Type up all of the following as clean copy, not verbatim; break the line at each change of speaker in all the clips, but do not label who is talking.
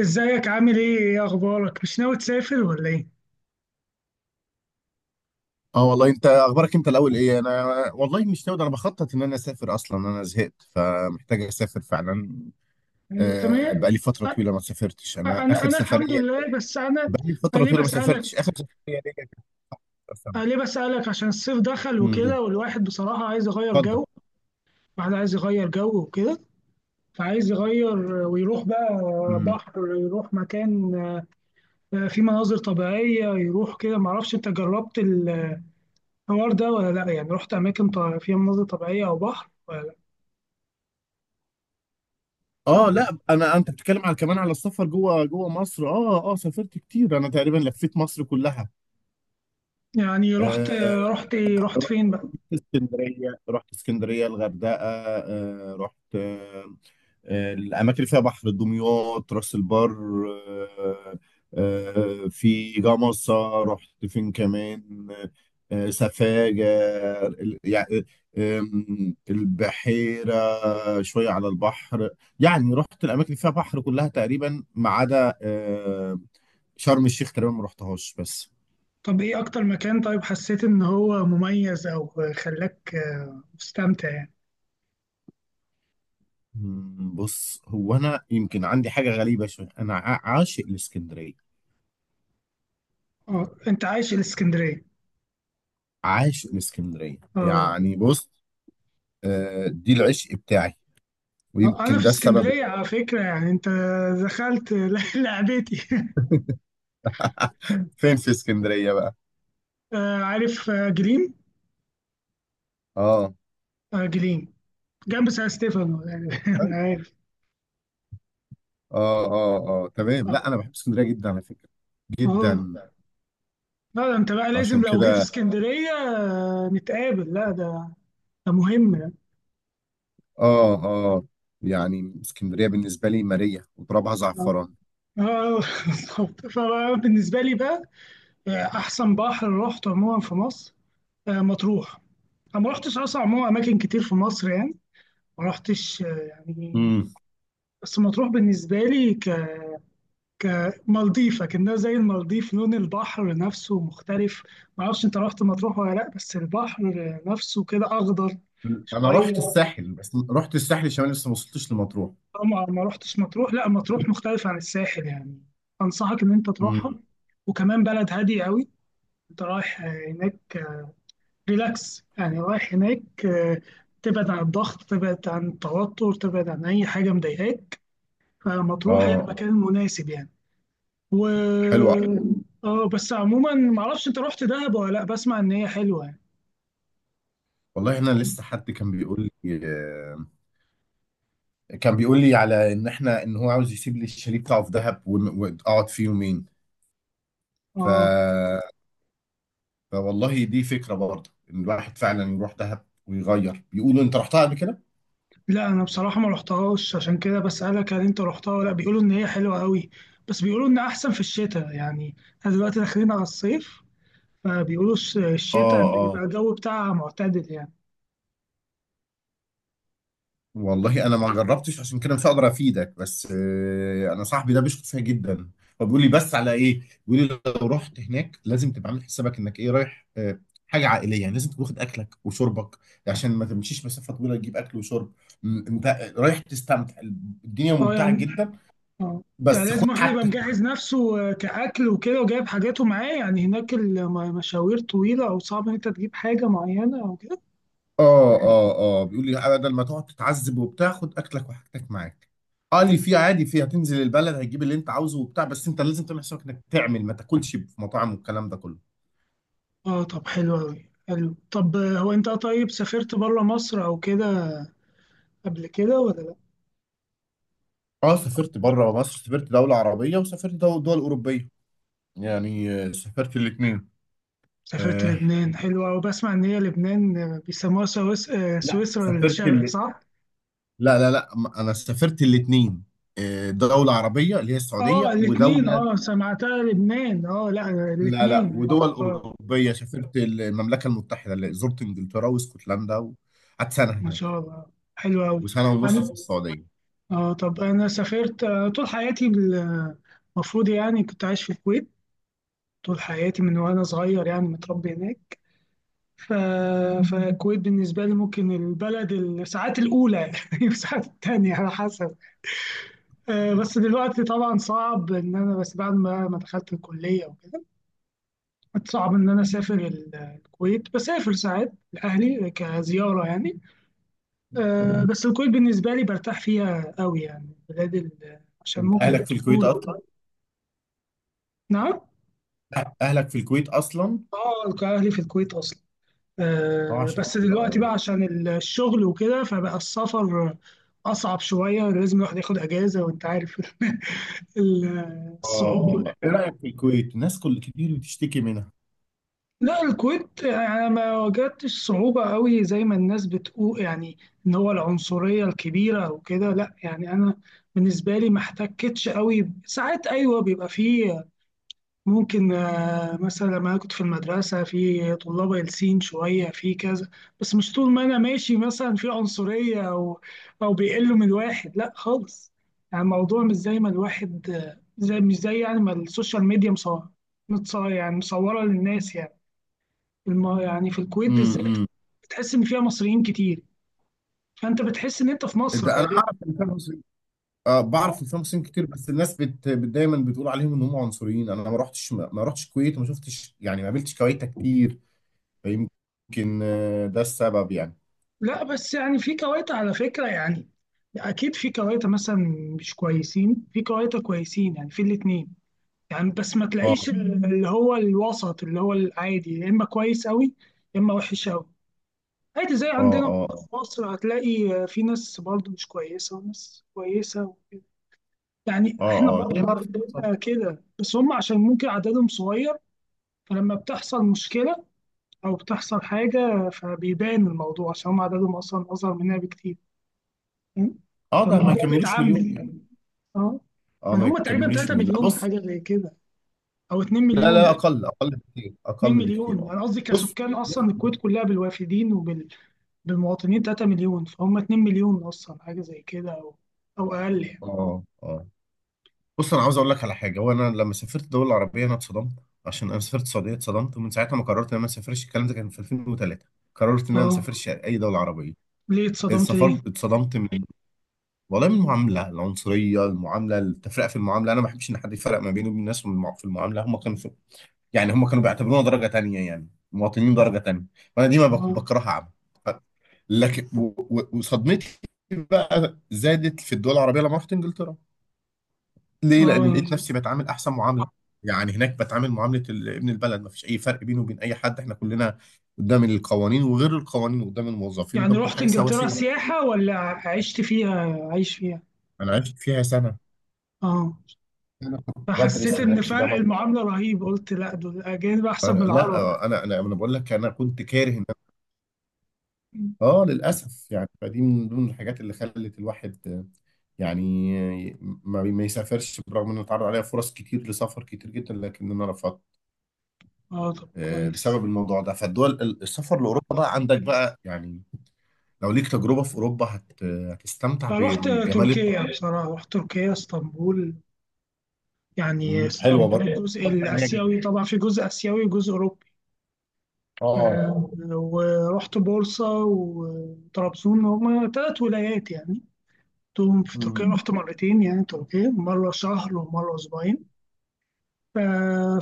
ازيك؟ عامل ايه؟ ايه اخبارك؟ مش ناوي تسافر ولا ايه؟
اه والله، انت اخبارك؟ انت الاول. ايه انا؟ والله مش ناوي، ده انا بخطط ان انا اسافر، اصلا انا زهقت فمحتاج اسافر فعلا.
أيوة، تمام.
بقالي فتره
أ-
طويله ما سافرتش انا،
انا
اخر
انا الحمد
سفريه،
لله، بس انا
بقالي
أنا
فتره
ليه
طويله ما سافرتش،
بسالك.
اخر سفريه ليا كانت في
أنا
سنه.
ليه بسالك؟ عشان الصيف دخل
امم.
وكده، والواحد بصراحه عايز يغير
اتفضل.
جو. الواحد عايز يغير جو وكده، فعايز يغير ويروح بقى
امم.
بحر، يروح مكان فيه مناظر طبيعيه، يروح كده. معرفش انت جربت الحوار ده ولا لا، يعني رحت اماكن فيها مناظر طبيعيه او بحر ولا لا؟
اه، لا، انا انت بتتكلم على كمان على السفر جوه مصر. اه اه، سافرت كتير انا، تقريبا لفيت مصر كلها.
يعني رحت؟
آه،
رحت ايه؟ رحت
رحت
فين بقى؟
رحت اسكندريه الغردقه. رحت الأماكن اللي فيها بحر، دمياط، راس البر. آه، في جمصة. رحت فين كمان؟ سفاجة، يعني البحيرة، شوية على البحر. يعني رحت الأماكن اللي فيها بحر كلها تقريبا ما عدا شرم الشيخ، تقريبا ما رحتهاش. بس
طب ايه اكتر مكان طيب حسيت ان هو مميز او خلاك مستمتع يعني؟
بص، هو أنا يمكن عندي حاجة غريبة شوية. أنا عاشق الإسكندرية،
اه، انت عايش الاسكندريه.
عاشق الإسكندرية،
اه،
يعني بص دي العشق بتاعي،
انا
ويمكن
في
ده السبب إن-.
اسكندريه على فكره، يعني انت دخلت لعبتي.
فين في اسكندرية بقى؟
عارف؟ جليم،
اه،
جليم، جنب سان ستيفانو يعني،
طيب.
عارف.
اه اه اه، تمام.
اه،
لا، انا بحب اسكندرية جدا على فكرة،
اه،
جدا.
لا ده انت بقى لازم
عشان
لو جيت
كده،
اسكندريه نتقابل، لا ده ده مهم يعني.
اه اه، يعني اسكندرية بالنسبة لي مارية وترابها
اه،
زعفران.
آه، بالظبط. فبالنسبه لي بقى، احسن بحر رحته عموما في مصر مطروح. انا ما رحتش اصلا عموما اماكن كتير في مصر يعني، ما رحتش يعني،
امم
بس مطروح بالنسبه لي ك كمالديف، كأنها زي المالديف، لون البحر نفسه مختلف. ما اعرفش انت رحت مطروح ولا لا، بس البحر نفسه كده اخضر
انا رحت
شويه.
الساحل، بس رحت الساحل الشمالي، لسه ما وصلتش لمطروح.
طبعا ما رحتش مطروح، لا مطروح مختلف عن الساحل يعني، انصحك ان انت تروحها.
امم
وكمان بلد هاديه قوي، انت رايح هناك ريلاكس، يعني رايح هناك تبعد عن الضغط، تبعد عن التوتر، تبعد عن أي حاجة مضايقاك، فلما تروح هي
اه،
المكان المناسب يعني. و
حلوة أوي.
اه بس عموما، معرفش انت رحت دهب ولا لا، بسمع ان هي حلوة يعني.
والله، انا لسه حد كان بيقول لي، كان بيقول لي على ان احنا ان هو عاوز يسيب لي الشاليه بتاعه في دهب واقعد فيه يومين. ف...
اه،
فوالله دي فكرة برضه ان الواحد فعلا يروح دهب ويغير. بيقولوا انت رحتها قبل كده؟
لا انا بصراحة ما رحتهاش، عشان كده بسألك هل انت رحتها ولا لا. بيقولوا ان هي حلوة قوي، بس بيقولوا ان احسن في الشتاء، يعني احنا دلوقتي داخلين على الصيف، فبيقولوا الشتاء
اه
بيبقى
اه،
الجو بتاعها معتدل يعني.
والله انا ما جربتش، عشان كده مش هقدر افيدك، بس انا صاحبي ده بيشكر فيها جدا، فبيقول لي. بس على ايه؟ بيقول لي لو رحت هناك لازم تبقى عامل حسابك انك ايه، رايح حاجة عائلية، يعني لازم تكون واخد اكلك وشربك عشان ما تمشيش مسافة طويلة تجيب اكل وشرب. انت رايح تستمتع، الدنيا
اه،
ممتعة
يعني
جدا،
اه، يعني
بس خد
لازم واحد يبقى
حاجتك.
مجهز نفسه كأكل وكده، وجايب حاجاته معاه، يعني هناك المشاوير طويلة، أو صعب إن أنت تجيب حاجة معينة أو كده.
اه اه اه، بيقول لي بدل ما تقعد تتعذب وبتاع، خد اكلك وحاجتك معاك. قال لي في عادي، في هتنزل البلد هتجيب اللي انت عاوزه وبتاع، بس انت لازم تعمل حسابك انك تعمل ما تاكلش في مطاعم والكلام ده كله.
اه، طب حلو أوي، حلو. طب، هو أنت طيب سافرت بره مصر أو كده قبل كده ولا لأ؟
اه، سافرت بره مصر، سافرت دولة عربية وسافرت دول أوروبية. يعني سافرت الاثنين.
سافرت
آه
لبنان؟ حلو أوي، بسمع إن هي لبنان بيسموها
لا،
سويسرا
سافرت
الشرق، صح؟
لا لا لا، انا سافرت الاثنين. دولة عربية اللي هي
اه
السعودية
الاتنين،
ودولة،
اه سمعتها لبنان، اه لا
لا لا،
الاتنين، اه
ودول
اه.
أوروبية. سافرت المملكة المتحدة اللي زرت إنجلترا واسكتلندا، وقعدت سنة
ما
هناك،
شاء الله، حلو أوي
وسنة ونص
يعني.
في السعودية.
اه طب انا سافرت طول حياتي المفروض، يعني كنت عايش في الكويت طول حياتي من وانا صغير، يعني متربي هناك. ف... فالكويت بالنسبه لي ممكن البلد الساعات الاولى يعني، والساعات التانية على حسب. بس دلوقتي طبعا صعب ان انا، بس بعد ما دخلت الكليه وكده، صعب ان انا اسافر الكويت، بسافر ساعات لاهلي كزياره يعني. بس الكويت بالنسبه لي برتاح فيها قوي يعني، بلاد عشان
أنت
ممكن
أهلك في الكويت
الطفوله
أصلا؟
وكده. نعم.
لا، أهلك في الكويت أصلا؟
اه، كان اهلي في الكويت اصلا،
أه،
آه
عشان
بس
كده،
دلوقتي
أه.
بقى عشان الشغل وكده، فبقى السفر اصعب شويه، لازم الواحد ياخد اجازه، وانت عارف
أه
الصعوبه.
أه، إيه رأيك في الكويت؟ ناس كل كتير بتشتكي منها.
لا الكويت انا ما واجهتش صعوبه قوي زي ما الناس بتقول يعني، ان هو العنصريه الكبيره وكده، لا يعني انا بالنسبه لي ما احتكتش قوي. ساعات ايوه بيبقى فيه، ممكن مثلا لما أنا كنت في المدرسة، في طلاب قلسين شوية في كذا، بس مش طول ما أنا ماشي مثلا في عنصرية أو أو بيقلوا من الواحد، لا خالص. يعني الموضوع مش زي ما الواحد آه، زي مش زي يعني ما السوشيال ميديا مصورة، متصور يعني مصورة للناس يعني. يعني في الكويت بالذات
امم
بتحس إن فيها مصريين كتير، فأنت بتحس إن أنت في مصر
ده أنا
غالبا.
أعرف إن فيها مسلمين، أه
أو-
بعرف إن فيها مسلمين كتير، بس الناس بت دايما بتقول عليهم إن هم عنصريين. أنا ما رحتش، الكويت وما شفتش، يعني ما قابلتش كويتة كتير، فيمكن ده السبب يعني.
لا بس يعني في كويت على فكرة يعني، اكيد في كواتة مثلا مش كويسين، في كواتة كويسين، يعني في الاتنين يعني. بس ما تلاقيش
أه
اللي هو الوسط، اللي هو العادي، يا اما كويس قوي يا اما وحش قوي، عادي زي
أه
عندنا.
أه
في
آه.
مصر هتلاقي في ناس برضو مش كويسة وناس كويسة وكده، يعني
اه
احنا
اه، زي
برضو
مدفع،
عندنا
بالظبط.
كده، بس هم عشان ممكن عددهم صغير، فلما بتحصل مشكلة او بتحصل حاجة فبيبان الموضوع، عشان هم عددهم اصلا اصغر مننا بكتير،
اه، ده ما
فالموضوع
يكملوش مليون يعني.
بيتعمم. اه
اه،
يعني
ما
هم تقريبا
يكملوش
3
مليون، لا
مليون
بص.
حاجه زي كده، او 2
لا
مليون.
لا، اقل اقل بكتير،
2
اقل بكتير،
مليون
اه.
انا قصدي
بص
كسكان،
بص
اصلا الكويت
بص،
كلها بالوافدين وبالمواطنين 3 مليون، فهم 2 مليون اصلا حاجه زي كده، او او اقل يعني.
اه اه، بص انا عاوز اقول لك على حاجه. وانا لما سافرت دول العربيه انا اتصدمت، عشان انا سافرت السعوديه اتصدمت، ومن ساعتها ما قررت ان انا ما اسافرش. الكلام ده كان في 2003، قررت ان انا ما
اه،
اسافرش اي دوله عربيه.
ليه اتصدمت
السفر،
ليه؟
اتصدمت من، والله، من المعامله العنصريه، المعامله، التفرقه في المعامله. انا ما بحبش ان حد يفرق ما بيني وبين الناس في في المعامله. هم كانوا، يعني هم كانوا بيعتبرونا درجة تانية، يعني مواطنين درجة تانية. فأنا دي ما
اه
بكرهها عم. ف- لكن وصدمتي بقى زادت في الدول العربية لما رحت إنجلترا. ليه؟ لأن
اه،
لقيت نفسي بتعامل أحسن معاملة. يعني هناك بتعامل معاملة ابن البلد، ما فيش أي فرق بينه وبين أي حد، إحنا كلنا قدام القوانين وغير القوانين، قدام الموظفين،
يعني
قدام كل
رحت
حاجة،
انجلترا
سواسية.
سياحه ولا عشت فيها، عايش فيها؟
أنا عشت فيها سنة،
اه،
أنا كنت
فحسيت
بدرس
ان
هناك في
فرق
جامعة.
المعامله رهيب، قلت لا دول الاجانب احسن من العرب.
لا، أنا بقول لك، أنا كنت كاره، اه، للاسف يعني. فدي من ضمن الحاجات اللي خلت الواحد يعني ما يسافرش، برغم انه اتعرض عليها فرص كتير لسفر كتير جدا، لكن انا رفضت
اه طب كويس.
بسبب الموضوع ده. فالدول السفر لاوروبا بقى عندك بقى يعني، لو ليك تجربه في اوروبا هتستمتع
فرحت
بالجمال الط-.
تركيا بصراحة، رحت تركيا اسطنبول، يعني
حلوه
اسطنبول
برضه.
الجزء
أتوقع إن هي
الآسيوي،
جميلة.
طبعا في جزء آسيوي وجزء أوروبي،
اه.
ورحت بورصة وطرابزون، هما تلات ولايات يعني، رحتهم في تركيا.
مم.
رحت مرتين يعني تركيا، مرة شهر ومرة أسبوعين.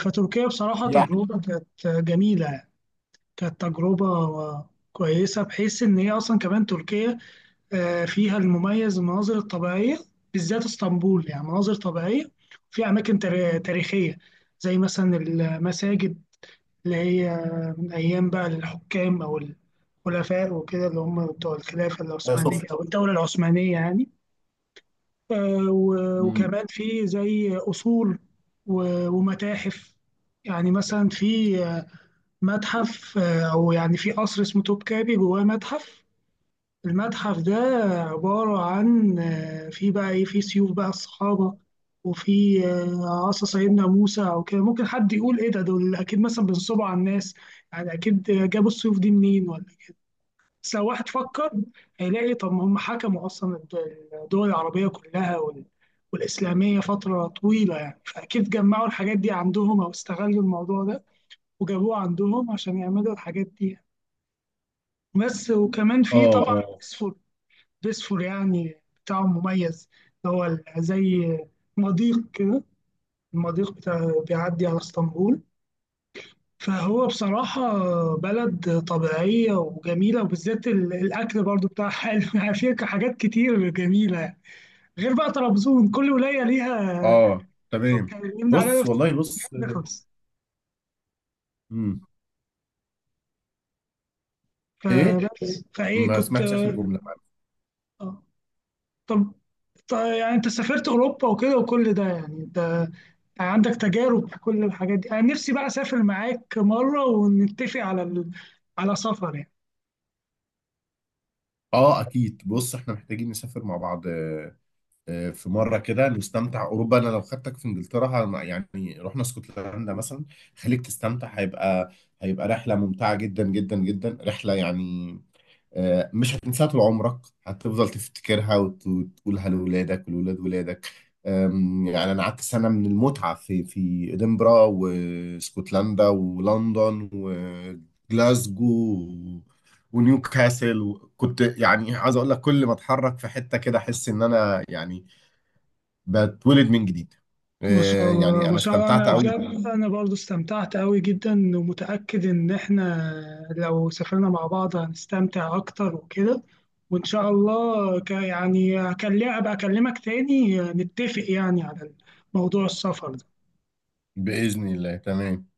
فتركيا بصراحة
يا
تجربة كانت جميلة يعني. كانت تجربة كويسة، بحيث إن هي أصلا كمان تركيا فيها المميز المناظر الطبيعية، بالذات اسطنبول يعني مناظر طبيعية، في أماكن تاريخية زي مثلا المساجد، اللي هي من أيام بقى الحكام أو الخلفاء وكده، اللي هم بتوع الخلافة العثمانية
سفن.
أو الدولة العثمانية يعني.
مم.
وكمان في زي أصول ومتاحف. يعني مثلا في متحف أو يعني في قصر اسمه توبكابي، جواه متحف. المتحف ده عبارة عن في بقى إيه، في سيوف بقى الصحابة، وفي عصا سيدنا موسى أو كده. ممكن حد يقول إيه ده، دول أكيد مثلا بينصبوا على الناس، يعني أكيد جابوا السيوف دي منين ولا إيه؟ بس لو واحد فكر هيلاقي، طب ما هم حكموا أصلا الدول العربية كلها والإسلامية فترة طويلة يعني، فأكيد جمعوا الحاجات دي عندهم، أو استغلوا الموضوع ده وجابوه عندهم عشان يعملوا الحاجات دي يعني. بس وكمان في
اه
طبعا
اه
بيسفور يعني، بتاعه مميز، اللي هو زي مضيق كده، المضيق بتاع بيعدي على اسطنبول. فهو بصراحة بلد طبيعية وجميلة، وبالذات الأكل برضو بتاعها حلو يعني، فيها حاجات كتير جميلة يعني. غير بقى طرابزون، كل ولاية ليها
اه، تمام.
كان يمنع عليها
بص والله بص.
نخلص.
مم. ايه؟
فبس فإيه
ما
كنت
سمعتش اخر جمله.
آه. طب طب يعني أنت سافرت أوروبا وكده وكل ده، يعني أنت عندك تجارب في كل الحاجات دي، انا نفسي بقى اسافر معاك مره ونتفق على على سفر يعني.
اه، اكيد، بص احنا محتاجين نسافر مع بعض في مره كده نستمتع اوروبا. انا لو خدتك في انجلترا يعني رحنا اسكتلندا مثلا، خليك تستمتع. هيبقى رحله ممتعه جدا جدا جدا، رحله يعني مش هتنساها طول عمرك، هتفضل تفتكرها وتقولها لأولادك ولولاد ولادك. يعني أنا قعدت سنة من المتعة في إدنبرا واسكتلندا ولندن وجلاسجو و- ونيوكاسل. وكنت يعني عايز أقول لك، كل ما أتحرك في حتة كده أحس إن أنا يعني بتولد من جديد.
ما شاء الله،
يعني
ما
أنا
شاء الله.
استمتعت
انا
أوي.
بجد انا برضو استمتعت قوي جدا، ومتاكد ان احنا لو سافرنا مع بعض هنستمتع اكتر وكده، وان شاء الله يعني هكلم ابقى اكلمك تاني، نتفق يعني على موضوع السفر ده.
بإذن الله، تمام.